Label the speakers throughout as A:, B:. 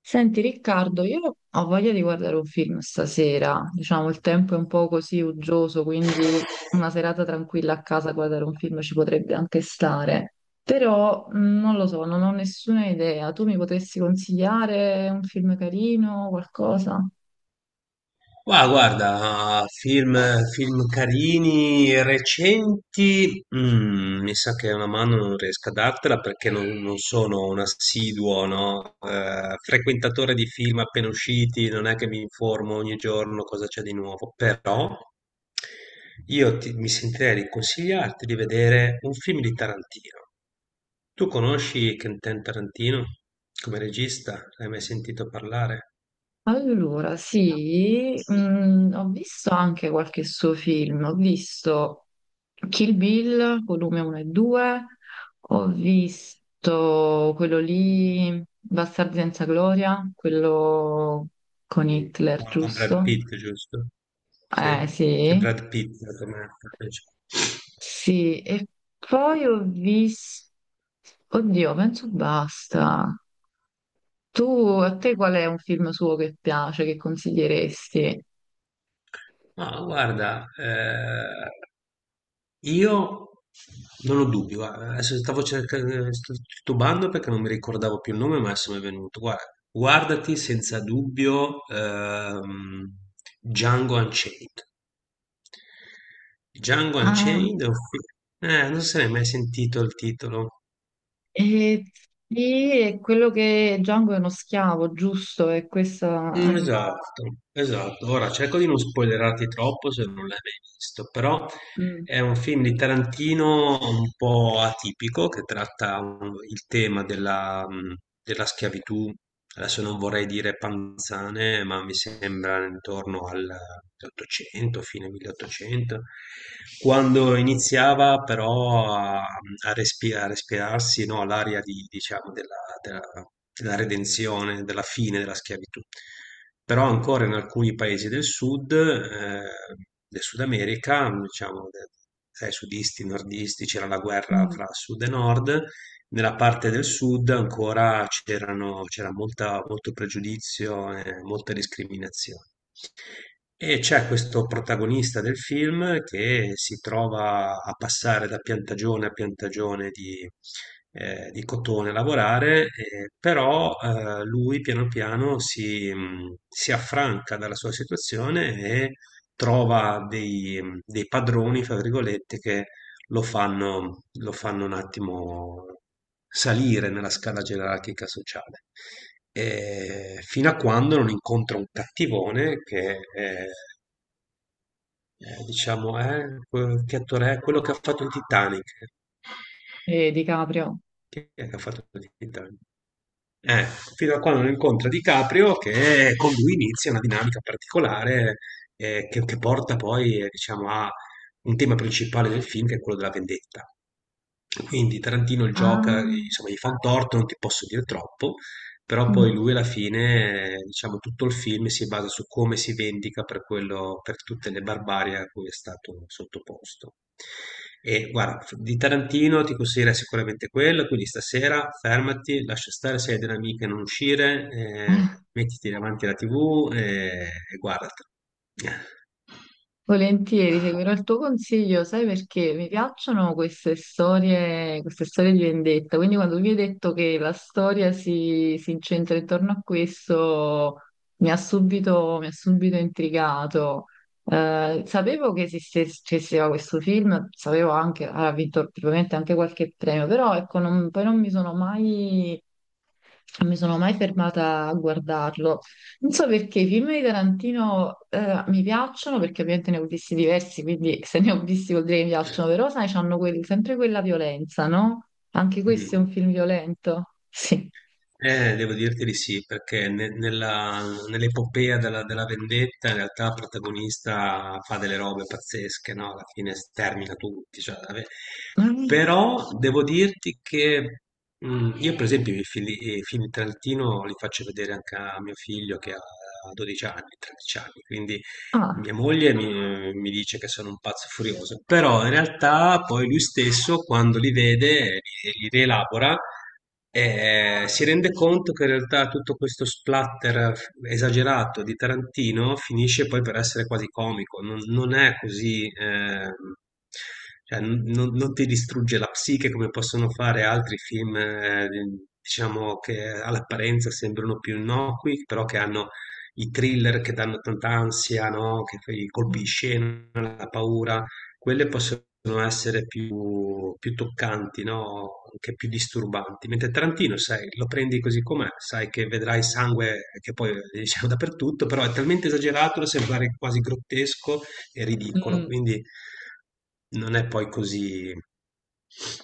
A: Senti Riccardo, io ho voglia di guardare un film stasera, diciamo il tempo è un po' così uggioso, quindi una serata tranquilla a casa a guardare un film ci potrebbe anche stare, però non lo so, non ho nessuna idea, tu mi potresti consigliare un film carino, qualcosa?
B: Ma guarda, film, film carini, recenti, mi sa che una mano non riesco a dartela perché non sono un assiduo, no? Frequentatore di film appena usciti, non è che mi informo ogni giorno cosa c'è di nuovo, però mi sentirei di consigliarti di vedere un film di Tarantino. Tu conosci Quentin Tarantino come regista? L'hai mai sentito parlare?
A: Allora, sì, ho visto anche qualche suo film, ho visto Kill Bill, volume 1 e 2, ho visto quello lì, Bastardi senza gloria, quello con
B: Mm.
A: Hitler,
B: Con Brad
A: giusto?
B: Pitt, giusto? Sì, c'è
A: Sì,
B: Brad Pitt come attore.
A: sì, e poi ho visto... Oddio, penso basta. Tu, a te qual è un film suo che piace, che consiglieresti?
B: No, guarda, io non ho dubbi, guarda, adesso stavo cercando, sto titubando perché non mi ricordavo più il nome, ma adesso mi è venuto. Guarda, guardati senza dubbio Django Unchained. Django
A: Ah.
B: Unchained, non se ne è mai sentito il titolo.
A: Eh, sì, è quello che Django è uno schiavo, giusto? È questa...
B: Mm, esatto, esatto. Ora cerco di non spoilerarti troppo se non l'hai mai visto, però
A: mm,
B: è un film di Tarantino un po' atipico che tratta il tema della, della schiavitù. Adesso non vorrei dire panzane, ma mi sembra intorno al 1800, fine 1800, quando iniziava però a respirarsi, no, l'aria di, diciamo, della redenzione, della fine della schiavitù. Però ancora in alcuni paesi del Sud America, tra i sudisti e i nordisti c'era la guerra
A: mm,
B: fra sud e nord, nella parte del sud molto pregiudizio e molte discriminazioni. E c'è questo protagonista del film che si trova a passare da piantagione a piantagione di cotone a lavorare, però lui piano piano si affranca dalla sua situazione e trova dei, dei padroni, fra virgolette, che lo fanno un attimo salire nella scala gerarchica sociale. E fino a quando non incontra un cattivone diciamo, che attore è quello che ha fatto il Titanic.
A: Di Caprio.
B: Chi è che ha fatto il Titanic? Eh, fino a quando non incontra DiCaprio che con lui inizia una dinamica particolare che porta poi, diciamo, a un tema principale del film che è quello della vendetta. Quindi Tarantino gioca,
A: Ah.
B: insomma, gli fa un torto, non ti posso dire troppo, però poi
A: Mm.
B: lui alla fine, diciamo, tutto il film si basa su come si vendica per quello, per tutte le barbarie a cui è stato sottoposto. E guarda, di Tarantino ti consiglierei sicuramente quello, quindi stasera fermati, lascia stare se hai delle amiche non uscire, mettiti davanti alla TV e guardatelo.
A: Volentieri, seguirò il tuo consiglio, sai perché mi piacciono queste storie di vendetta, quindi quando tu mi hai detto che la storia si incentra intorno a questo, mi ha subito intrigato. Sapevo che che esisteva questo film, sapevo anche, ha vinto probabilmente anche qualche premio, però ecco, non- poi non mi sono mai fermata a guardarlo. Non so perché i film di Tarantino mi piacciono, perché ovviamente ne ho visti diversi, quindi se ne ho visti vuol dire che mi piacciono, però sai, c'hanno quel- sempre quella violenza, no? Anche questo è
B: Mm.
A: un film violento. Sì.
B: Devo dirti di sì, nell'epopea della, della vendetta in realtà il protagonista fa delle robe pazzesche, no? Alla fine stermina tutti. Cioè, vabbè.
A: Mm.
B: Però devo dirti che io per esempio i film di Tarantino li faccio vedere anche a mio figlio che ha 12 anni, 13 anni, quindi mia
A: Ah.
B: moglie mi dice che sono un pazzo furioso, però in realtà poi lui stesso, quando li vede, li rielabora, si rende conto che in realtà tutto questo splatter esagerato di Tarantino finisce poi per essere quasi comico, non è così, cioè, non ti distrugge la psiche come possono fare altri film, diciamo che all'apparenza sembrano più innocui, però che hanno i thriller che danno tanta ansia, no? Che fai i colpi di
A: Mm.
B: scena, la paura, quelle possono essere più toccanti, no? Anche più disturbanti. Mentre Tarantino, sai, lo prendi così com'è, sai che vedrai sangue che poi diciamo dappertutto, però è talmente esagerato da sembrare quasi grottesco e ridicolo,
A: Mm.
B: quindi non è poi così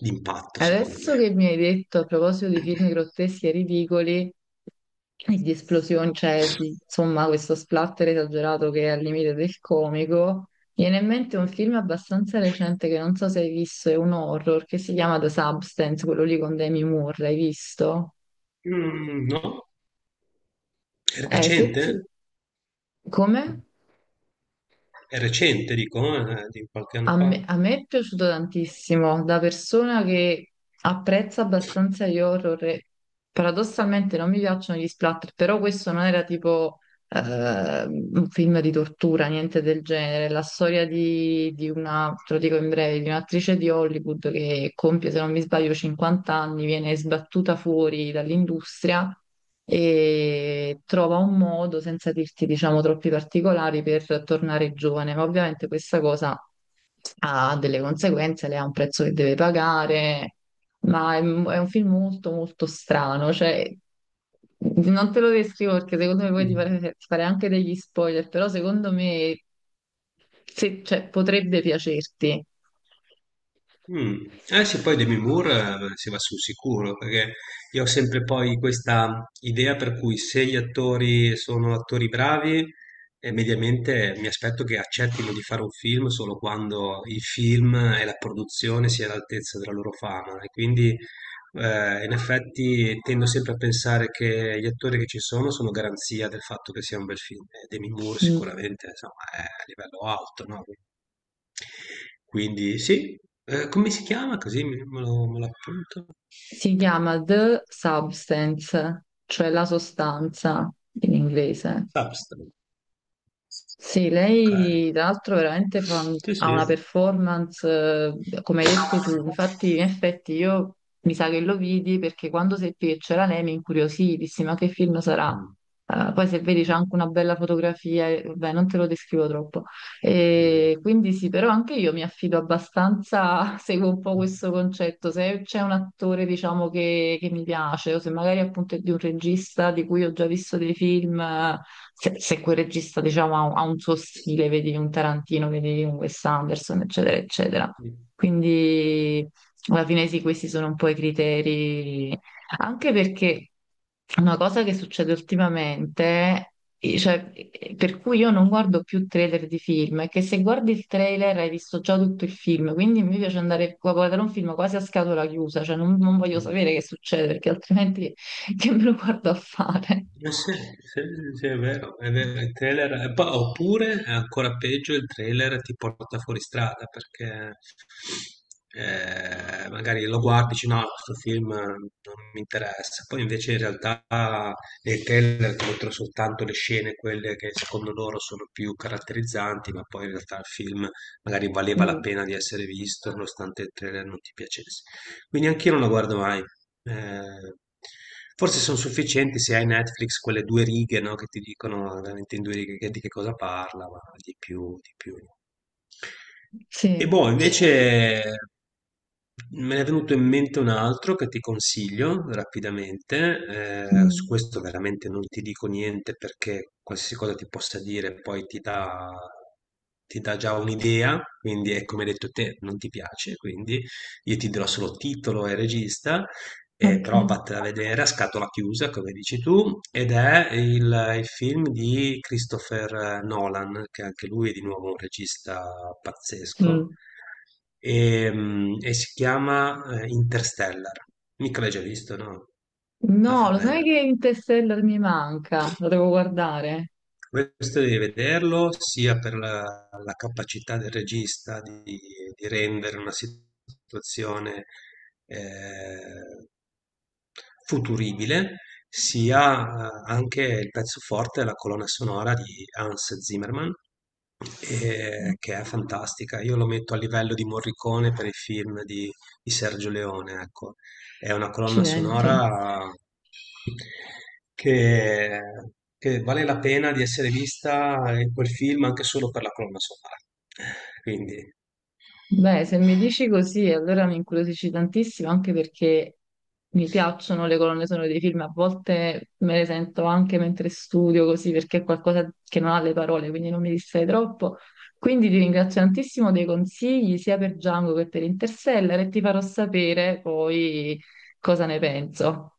B: d'impatto, secondo
A: Adesso
B: me.
A: che mi hai detto a proposito di film grotteschi e ridicoli, e di esplosioni, cioè di, insomma questo splatter esagerato che è al limite del comico. Mi viene in mente un film abbastanza recente che non so se hai visto, è un horror che si chiama The Substance, quello lì con Demi Moore, l'hai visto?
B: Mm, no? È
A: Eh, se, se-
B: recente?
A: come?
B: È recente, dico, di qualche anno fa.
A: A me è piaciuto tantissimo, da persona che apprezza abbastanza gli horror, e paradossalmente non mi piacciono gli splatter, però questo non era tipo un film di tortura, niente del genere. La storia di una, te lo dico in breve, di un'attrice di Hollywood che compie, se non mi sbaglio, 50 anni, viene sbattuta fuori dall'industria e trova un modo, senza dirti, diciamo, troppi particolari, per tornare giovane. Ma ovviamente questa cosa ha delle conseguenze, lei ha un prezzo che deve pagare. Ma è un film molto molto strano, cioè non te lo descrivo perché secondo me poi
B: Mm.
A: ti farei anche degli spoiler, però secondo me se- cioè, potrebbe piacerti.
B: Mm. Eh sì, poi Demi Moore si va sul sicuro, perché io ho sempre poi questa idea per cui se gli attori sono attori bravi, mediamente mi aspetto che accettino di fare un film solo quando il film e la produzione sia all'altezza della loro fama. E quindi in effetti tendo sempre a pensare che gli attori che ci sono sono garanzia del fatto che sia un bel film. E Demi Moore
A: Mm.
B: sicuramente, insomma, è a livello alto, no? Quindi sì, come si chiama così me lo appunto?
A: Si chiama The Substance, cioè la sostanza in inglese.
B: Substack.
A: Sì,
B: Okay.
A: lei tra l'altro veramente fa un-
B: Sì,
A: ha
B: sì.
A: una performance, come hai detto tu, infatti in effetti io mi sa che lo vidi perché quando seppi che c'era lei mi incuriosì, dissi ma che film sarà?
B: Mh,
A: Poi se vedi c'è
B: mh,
A: anche una bella fotografia, beh non te lo descrivo troppo.
B: mh,
A: E quindi sì, però anche io mi affido abbastanza, seguo un po' questo concetto, se c'è un attore diciamo che mi piace o se magari appunto è di un regista di cui ho già visto dei film se, se quel regista, diciamo, ha un suo stile, vedi un Tarantino, vedi un Wes Anderson, eccetera, eccetera.
B: mh,
A: Quindi alla fine sì, questi sono un po' i criteri, anche perché una cosa che succede ultimamente, per cui io non guardo più trailer di film, è che se guardi il trailer hai visto già tutto il film, quindi mi piace andare a guardare un film quasi a scatola chiusa, cioè non voglio
B: mh.
A: sapere che succede, perché altrimenti che me lo guardo a fare?
B: Ma sì, sì, è vero, il trailer, oppure è ancora peggio, il trailer ti porta fuori strada perché magari lo guardi e dici no, questo film non mi interessa, poi invece in realtà nel trailer ti mostrano soltanto le scene, quelle che secondo loro sono più caratterizzanti, ma poi in realtà il film magari valeva la
A: Mm.
B: pena di essere visto nonostante il trailer non ti piacesse. Quindi anch'io non lo guardo mai. Ehm, forse son sufficienti se hai Netflix quelle 2 righe, no, che ti dicono veramente in 2 righe che di che cosa parla, ma di più no. E
A: Sì,
B: boh, invece me ne è venuto in mente un altro che ti consiglio rapidamente, su
A: mm,
B: questo veramente non ti dico niente perché qualsiasi cosa ti possa dire poi ti dà già un'idea, quindi è come hai detto te, non ti piace, quindi io ti dirò solo titolo e regista, e però
A: ok.
B: vattene a vedere a scatola chiusa, come dici tu, ed è il film di Christopher Nolan, che anche lui è di nuovo un regista pazzesco,
A: Mm.
B: e, mm, e si chiama Interstellar. Mica l'hai già visto, no? Ah,
A: No, lo
B: vabbè,
A: sai
B: no.
A: che Interstellar mi manca? Lo devo guardare.
B: Questo devi vederlo sia per la, la capacità del regista di rendere una situazione eh, futuribile, sia anche il pezzo forte, la colonna sonora di Hans Zimmerman, che è fantastica. Io lo metto a livello di Morricone per i film di Sergio Leone, ecco. È una colonna
A: Accidenti.
B: sonora che, che vale la pena di essere vista quel film anche solo per la colonna sonora. Quindi.
A: Beh, se mi dici così, allora mi incuriosisci tantissimo, anche perché mi piacciono le colonne sonore dei film. A volte me le sento anche mentre studio, così, perché è qualcosa che non ha le parole, quindi non mi distrae troppo. Quindi ti ringrazio tantissimo dei consigli, sia per Django che per Interstellar, e ti farò sapere poi cosa ne penso.